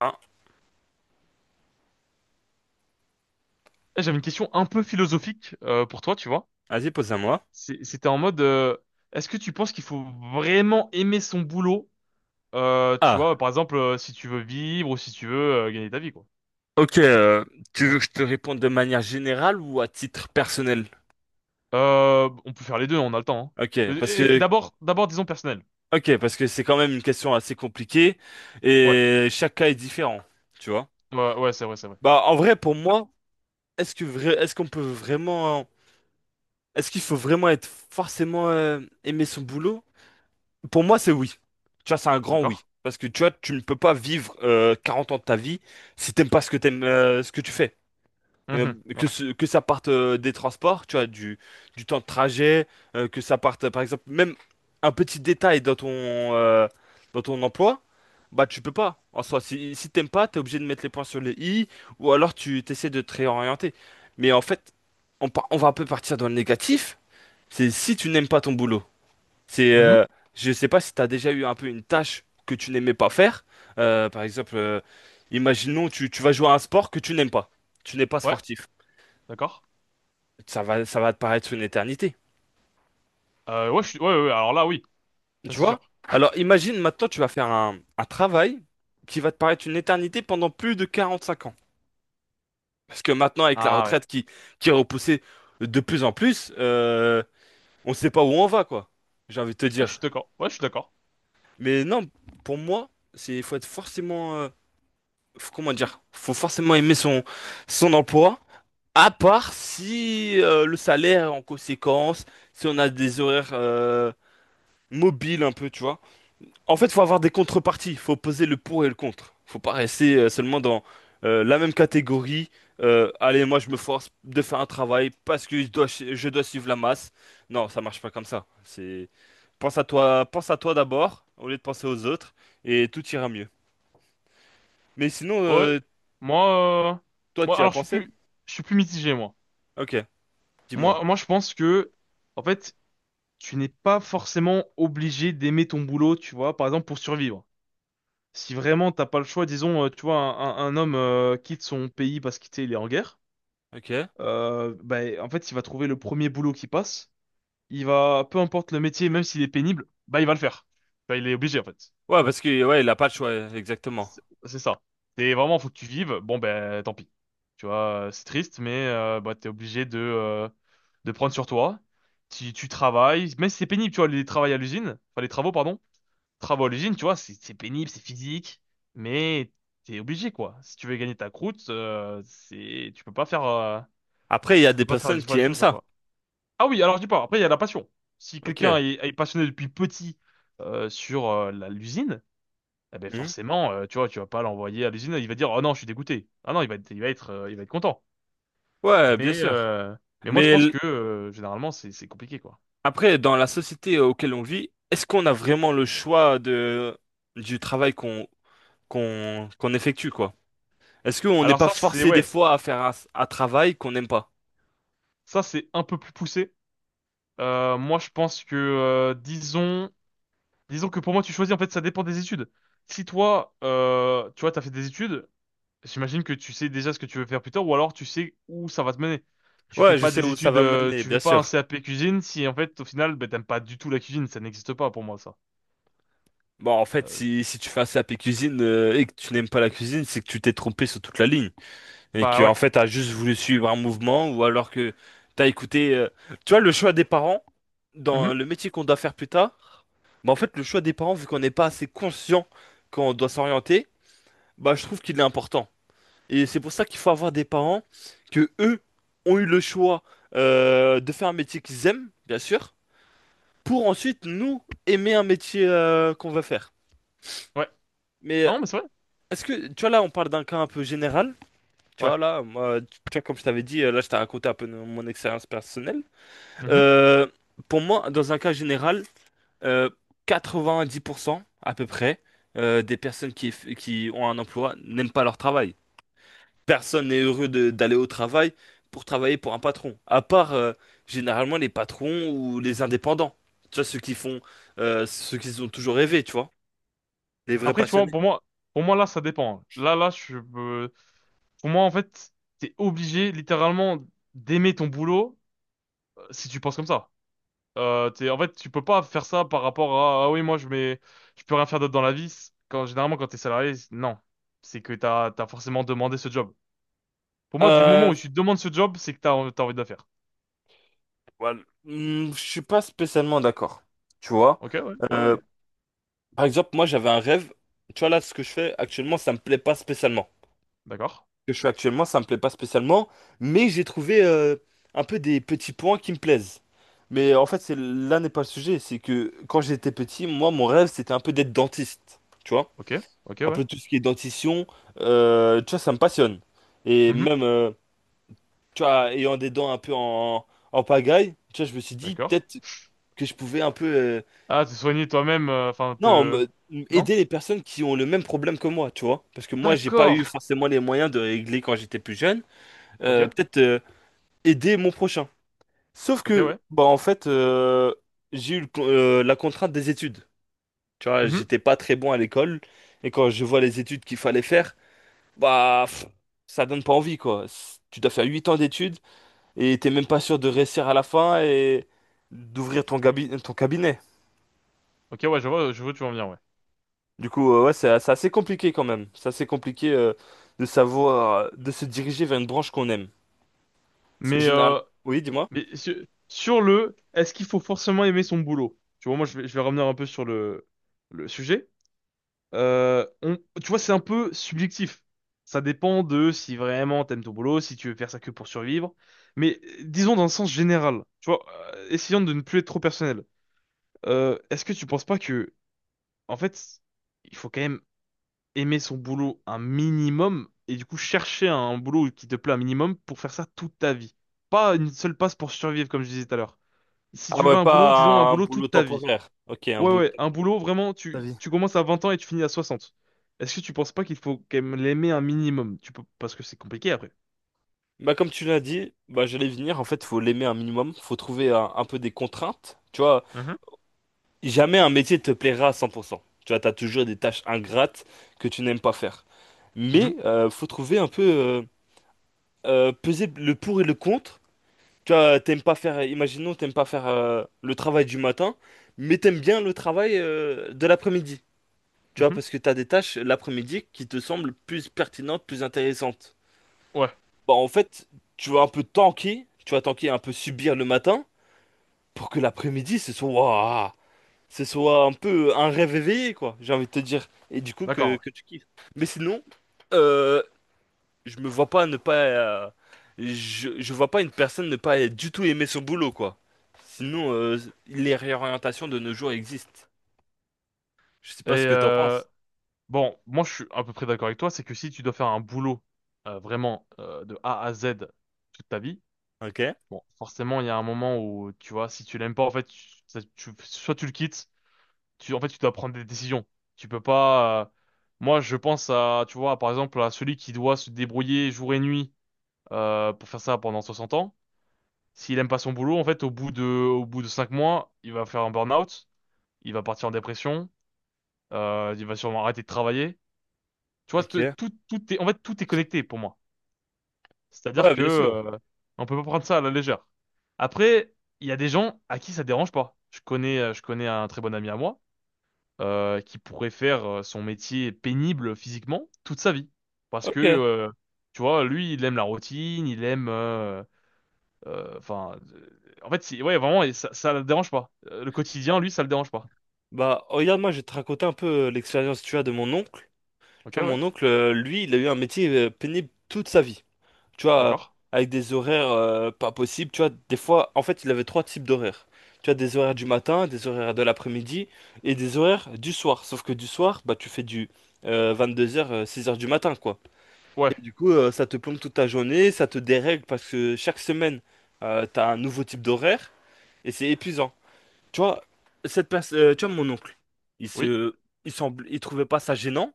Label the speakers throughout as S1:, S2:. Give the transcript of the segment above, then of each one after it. S1: Ah,
S2: Eh, j'avais une question un peu philosophique pour toi, tu vois.
S1: vas-y, pose à moi.
S2: C'était en mode, est-ce que tu penses qu'il faut vraiment aimer son boulot, tu
S1: Ah,
S2: vois, par exemple, si tu veux vivre ou si tu veux gagner ta vie, quoi.
S1: ok. euh, Tu veux que je te réponde de manière générale ou à titre personnel?
S2: On peut faire les deux, on a le temps. Hein.
S1: Ok,
S2: Euh,
S1: parce
S2: et
S1: que
S2: D'abord, d'abord, disons personnel.
S1: ok, parce que c'est quand même une question assez compliquée
S2: Ouais,
S1: et chaque cas est différent, tu vois.
S2: ouais, ouais, c'est vrai, c'est vrai.
S1: Bah, en vrai, pour moi, est-ce que vrai, est-ce qu'on peut vraiment, est-ce qu'il faut vraiment être forcément aimer son boulot? Pour moi, c'est oui. Tu vois, c'est un grand
S2: D'accord.
S1: oui. Parce que tu vois, tu ne peux pas vivre 40 ans de ta vie si t'aimes pas ce que ce que tu fais. Euh,
S2: Mhm. Ouais.
S1: que ça parte des transports, tu vois, du temps de trajet, que ça parte, par exemple, même un petit détail dans dans ton emploi, bah tu peux pas. En soi, si t'aimes pas, t'es obligé de mettre les points sur les i, ou alors tu t'essaies de te réorienter. Mais en fait, on va un peu partir dans le négatif, c'est si tu n'aimes pas ton boulot. C'est, euh,
S2: Mhm.
S1: je sais pas si t'as déjà eu un peu une tâche que tu n'aimais pas faire. Par exemple, imaginons, tu vas jouer à un sport que tu n'aimes pas. Tu n'es pas
S2: Ouais,
S1: sportif,
S2: d'accord.
S1: ça va te paraître une éternité.
S2: Ouais, ouais, ouais, ouais, alors là, oui, ça
S1: Tu
S2: c'est
S1: vois?
S2: sûr.
S1: Alors imagine maintenant, tu vas faire un travail qui va te paraître une éternité pendant plus de 45 ans. Parce que maintenant, avec la
S2: Ah ouais,
S1: retraite qui, qui est repoussée de plus en plus, on ne sait pas où on va, quoi. J'ai envie de te
S2: ah, je suis
S1: dire.
S2: d'accord. Ouais, je suis d'accord.
S1: Mais non, pour moi, il faut être forcément, comment dire, faut forcément aimer son emploi. À part si le salaire est en conséquence, si on a des horaires mobiles un peu, tu vois. En fait, faut avoir des contreparties, faut poser le pour et le contre. Faut pas rester seulement dans la même catégorie. Allez, moi je me force de faire un travail parce que je dois suivre la masse. Non, ça marche pas comme ça. C'est pense à toi d'abord au lieu de penser aux autres et tout ira mieux. Mais sinon,
S2: Ouais, moi, euh,
S1: toi,
S2: moi,
S1: tu y as
S2: alors je suis
S1: pensé?
S2: plus, je suis plus mitigé, moi.
S1: Ok, dis-moi.
S2: Moi, je pense que, en fait, tu n'es pas forcément obligé d'aimer ton boulot, tu vois, par exemple, pour survivre. Si vraiment t'as pas le choix, disons, tu vois, un homme quitte son pays parce qu'il, tu sais, il est en guerre,
S1: Ok. Ouais,
S2: bah, en fait, il va trouver le premier boulot qui passe. Il va, peu importe le métier, même s'il est pénible, bah, il va le faire. Bah, il est obligé, en fait.
S1: parce que ouais, il a pas de choix, exactement.
S2: C'est ça. Et vraiment, faut que tu vives. Bon, ben, tant pis. Tu vois, c'est triste, mais bah, t'es obligé de prendre sur toi. Tu travailles, même si c'est pénible, tu vois, les travaux à l'usine, enfin les travaux, pardon, travaux à l'usine, tu vois, c'est pénible, c'est physique, mais t'es obligé, quoi. Si tu veux gagner ta croûte, tu peux pas faire,
S1: Après, il y a
S2: tu
S1: des
S2: peux pas faire
S1: personnes
S2: 10 fois
S1: qui
S2: la
S1: aiment
S2: chose,
S1: ça.
S2: quoi. Ah oui, alors je dis pas, après, il y a la passion. Si quelqu'un
S1: Ok.
S2: est passionné depuis petit sur l'usine, eh ben
S1: Mhm.
S2: forcément, tu vois, tu vas pas l'envoyer à l'usine, il va dire, oh non, je suis dégoûté. Ah non, il va être content.
S1: Ouais, bien
S2: Mais,
S1: sûr.
S2: euh, mais moi, je
S1: Mais
S2: pense
S1: l-
S2: que généralement, c'est compliqué, quoi.
S1: Après, dans la société auquel on vit, est-ce qu'on a vraiment le choix de du travail qu'on effectue, quoi? Est-ce qu'on n'est
S2: Alors
S1: pas
S2: ça, c'est
S1: forcé des
S2: ouais,
S1: fois à faire un travail qu'on n'aime pas?
S2: ça c'est un peu plus poussé. Moi, je pense que disons que pour moi, tu choisis. En fait, ça dépend des études. Si toi, tu vois, t'as fait des études, j'imagine que tu sais déjà ce que tu veux faire plus tard, ou alors tu sais où ça va te mener. Tu fais
S1: Ouais, je
S2: pas
S1: sais
S2: des
S1: où ça
S2: études,
S1: va me mener,
S2: tu
S1: bien
S2: fais pas un
S1: sûr.
S2: CAP cuisine si en fait au final, ben, t'aimes pas du tout la cuisine, ça n'existe pas pour moi ça.
S1: Bon, en fait,
S2: Euh,
S1: si tu fais un CAP cuisine et que tu n'aimes pas la cuisine, c'est que tu t'es trompé sur toute la ligne. Et que,
S2: Bah
S1: en
S2: ouais.
S1: fait, t'as juste voulu suivre un mouvement ou alors que t'as écouté. Tu vois, le choix des parents, dans
S2: Mhm.
S1: le métier qu'on doit faire plus tard, bah, en fait, le choix des parents, vu qu'on n'est pas assez conscient qu'on doit s'orienter, bah, je trouve qu'il est important. Et c'est pour ça qu'il faut avoir des parents que eux ont eu le choix de faire un métier qu'ils aiment, bien sûr, pour ensuite nous aimer un métier qu'on va faire.
S2: Ouais.
S1: Mais
S2: Non, mais c'est vrai.
S1: est-ce que, tu vois, là, on parle d'un cas un peu général. Tu vois,
S2: Ouais.
S1: là, moi, tu tu vois, comme je t'avais dit, là, je t'ai raconté un peu de mon expérience personnelle.
S2: Mhm.
S1: Euh, pour moi, dans un cas général, euh, 90% à peu près des personnes qui ont un emploi n'aiment pas leur travail. Personne n'est heureux d'aller au travail pour travailler pour un patron, à part généralement les patrons ou les indépendants. Tu vois, ceux qu'ils ont toujours rêvé, tu vois, les vrais
S2: Après, tu vois,
S1: passionnés.
S2: pour moi là, ça dépend. Là. Pour moi, en fait, t'es obligé littéralement d'aimer ton boulot si tu penses comme ça. En fait, tu peux pas faire ça par rapport à ah oui, moi, je mets, je peux rien faire d'autre dans la vie. Quand généralement, quand t'es salarié, non, c'est que t'as forcément demandé ce job. Pour moi, du moment
S1: Euh,
S2: où tu demandes ce job, c'est que t'as envie de le faire.
S1: voilà. Je suis pas spécialement d'accord, tu vois.
S2: Ok, ouais, ouais,
S1: Euh,
S2: ouais.
S1: Par exemple, moi, j'avais un rêve. Tu vois, là, ce que je fais actuellement, ça me plaît pas spécialement.
S2: D'accord.
S1: Ce que je fais actuellement, ça me plaît pas spécialement, mais j'ai trouvé un peu des petits points qui me plaisent. Mais en fait, c'est là n'est pas le sujet. C'est que quand j'étais petit, moi, mon rêve, c'était un peu d'être dentiste. Tu vois?
S2: Ok, ok,
S1: Un
S2: ouais.
S1: peu tout ce qui est dentition, tu vois, ça me passionne. Et
S2: Mhm.
S1: même, tu vois, ayant des dents un peu en pagaille, tu vois, je me suis dit
S2: D'accord.
S1: peut-être que je pouvais un peu
S2: Ah, te soigner toi-même, enfin,
S1: Non,
S2: te...
S1: me-
S2: Non?
S1: aider les personnes qui ont le même problème que moi, tu vois. Parce que moi, j'ai pas eu
S2: D'accord.
S1: forcément les moyens de régler quand j'étais plus jeune.
S2: Ok,
S1: Peut-être aider mon prochain. Sauf
S2: ok,
S1: que,
S2: ouais.
S1: bah en fait, j'ai eu la contrainte des études. Tu vois,
S2: Mhm.
S1: j'étais pas très bon à l'école. Et quand je vois les études qu'il fallait faire, bah pff, ça donne pas envie, quoi. Tu dois faire 8 ans d'études et t'es même pas sûr de réussir à la fin et d'ouvrir ton cabinet.
S2: Ok, ouais, je vois, où tu vas en venir, ouais.
S1: Du coup, ouais, c'est assez compliqué quand même. C'est assez compliqué de de se diriger vers une branche qu'on aime. Parce que
S2: Mais,
S1: généralement...
S2: euh,
S1: Oui, dis-moi.
S2: mais est-ce qu'il faut forcément aimer son boulot? Tu vois, moi, je vais revenir un peu sur le sujet. Tu vois, c'est un peu subjectif. Ça dépend de si vraiment t'aimes ton boulot, si tu veux faire ça que pour survivre. Mais disons dans le sens général, tu vois, essayons de ne plus être trop personnel. Est-ce que tu penses pas que, en fait, il faut quand même aimer son boulot un minimum et du coup chercher un boulot qui te plaît un minimum pour faire ça toute ta vie. Pas une seule passe pour survivre, comme je disais tout à l'heure. Si
S1: Ah
S2: tu veux
S1: ouais,
S2: un boulot, disons un
S1: pas un
S2: boulot
S1: boulot
S2: toute ta vie.
S1: temporaire. Ok, un
S2: Ouais,
S1: boulot
S2: ouais, un
S1: temporaire.
S2: boulot vraiment,
S1: Ta
S2: tu,
S1: vie.
S2: tu commences à 20 ans et tu finis à 60. Est-ce que tu penses pas qu'il faut quand même l'aimer un minimum? Tu peux, parce que c'est compliqué après.
S1: Bah, comme tu l'as dit, bah, j'allais venir. En fait, faut l'aimer un minimum. Faut trouver un peu des contraintes. Tu vois,
S2: Mhm,
S1: jamais un métier te plaira à 100%. Tu vois, t'as toujours des tâches ingrates que tu n'aimes pas faire.
S2: mhm,
S1: Mais faut trouver un peu, peser le pour et le contre. Tu vois, t'aimes pas faire, imaginons, t'aimes pas faire le travail du matin, mais t'aimes bien le travail de l'après-midi. Tu vois,
S2: mhm.
S1: parce que t'as des tâches l'après-midi qui te semblent plus pertinentes, plus intéressantes.
S2: Ouais,
S1: Bah, en fait, tu vas tanker un peu subir le matin pour que l'après-midi, ce soit, waouh, ce soit un peu un rêve éveillé, quoi, j'ai envie de te dire. Et du coup,
S2: d'accord. Ouais.
S1: que tu kiffes. Mais sinon, euh, je me vois pas ne pas. euh, je vois pas une personne ne pas du tout aimer son boulot, quoi. Sinon, les réorientations de nos jours existent. Je sais
S2: Et
S1: pas ce que t'en penses.
S2: bon, moi je suis à peu près d'accord avec toi, c'est que si tu dois faire un boulot vraiment de A à Z toute ta vie,
S1: Ok,
S2: bon, forcément, il y a un moment où, tu vois, si tu l'aimes pas, en fait, soit tu le quittes, en fait, tu dois prendre des décisions. Tu peux pas. Moi, je pense à, tu vois, par exemple, à celui qui doit se débrouiller jour et nuit pour faire ça pendant 60 ans. S'il aime pas son boulot, en fait, au bout de 5 mois, il va faire un burn-out, il va partir en dépression, il va sûrement arrêter de travailler. Tu vois,
S1: ok.
S2: tout est connecté pour moi. C'est-à-dire
S1: Ouais,
S2: que
S1: bien sûr.
S2: on peut pas prendre ça à la légère. Après, il y a des gens à qui ça dérange pas. Je connais un très bon ami à moi qui pourrait faire son métier pénible physiquement toute sa vie, parce que
S1: Ok.
S2: tu vois, lui, il aime la routine, euh, enfin, euh, ouais, vraiment, et ça le dérange pas. Le quotidien, lui, ça le dérange pas.
S1: Bah, regarde, moi, je vais te raconter un peu l'expérience, tu vois, de mon oncle.
S2: Ok,
S1: Tu vois,
S2: ouais,
S1: mon oncle, lui, il a eu un métier pénible toute sa vie. Tu vois,
S2: d'accord.
S1: avec des horaires pas possibles, tu vois, des fois, en fait, il avait trois types d'horaires. Tu as des horaires du matin, des horaires de l'après-midi et des horaires du soir. Sauf que du soir, bah, tu fais du 22h, 6h du matin, quoi. Et
S2: Ouais,
S1: du coup, ça te plombe toute ta journée, ça te dérègle parce que chaque semaine, t'as un nouveau type d'horaire et c'est épuisant. Tu vois, cette personne, tu vois, mon oncle, il
S2: oui.
S1: se, il semble, il trouvait pas ça gênant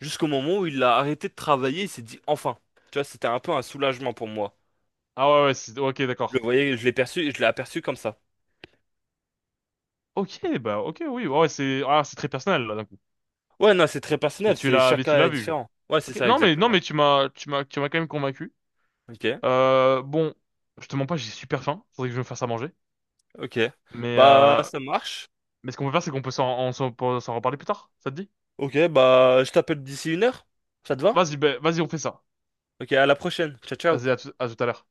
S1: jusqu'au moment où il a arrêté de travailler. Il s'est dit enfin. Tu vois, c'était un peu un soulagement pour moi.
S2: Ah ouais, ouais, ok,
S1: Je le
S2: d'accord.
S1: voyais, je l'ai aperçu comme ça.
S2: Ok, bah ok, oui, ouais, ouais, c'est très personnel là d'un coup.
S1: Ouais, non, c'est très
S2: Mais
S1: personnel, c'est chaque
S2: tu
S1: cas
S2: l'as
S1: est
S2: vu.
S1: différent. Ouais, c'est
S2: Ok.
S1: ça,
S2: Non mais non
S1: exactement.
S2: mais tu m'as quand même convaincu.
S1: Ok,
S2: Bon, je te mens pas, j'ai super faim. Faudrait que je me fasse à manger.
S1: ok.
S2: Mais
S1: Bah,
S2: euh,
S1: ça marche.
S2: mais ce qu'on peut faire, c'est qu'on peut s'en reparler plus tard. Ça te dit?
S1: Ok, bah, je t'appelle d'ici une heure. Ça te va?
S2: Vas-y, ben, vas-y, on fait ça.
S1: Ok, à la prochaine. Ciao,
S2: Vas-y,
S1: ciao.
S2: à tout à l'heure.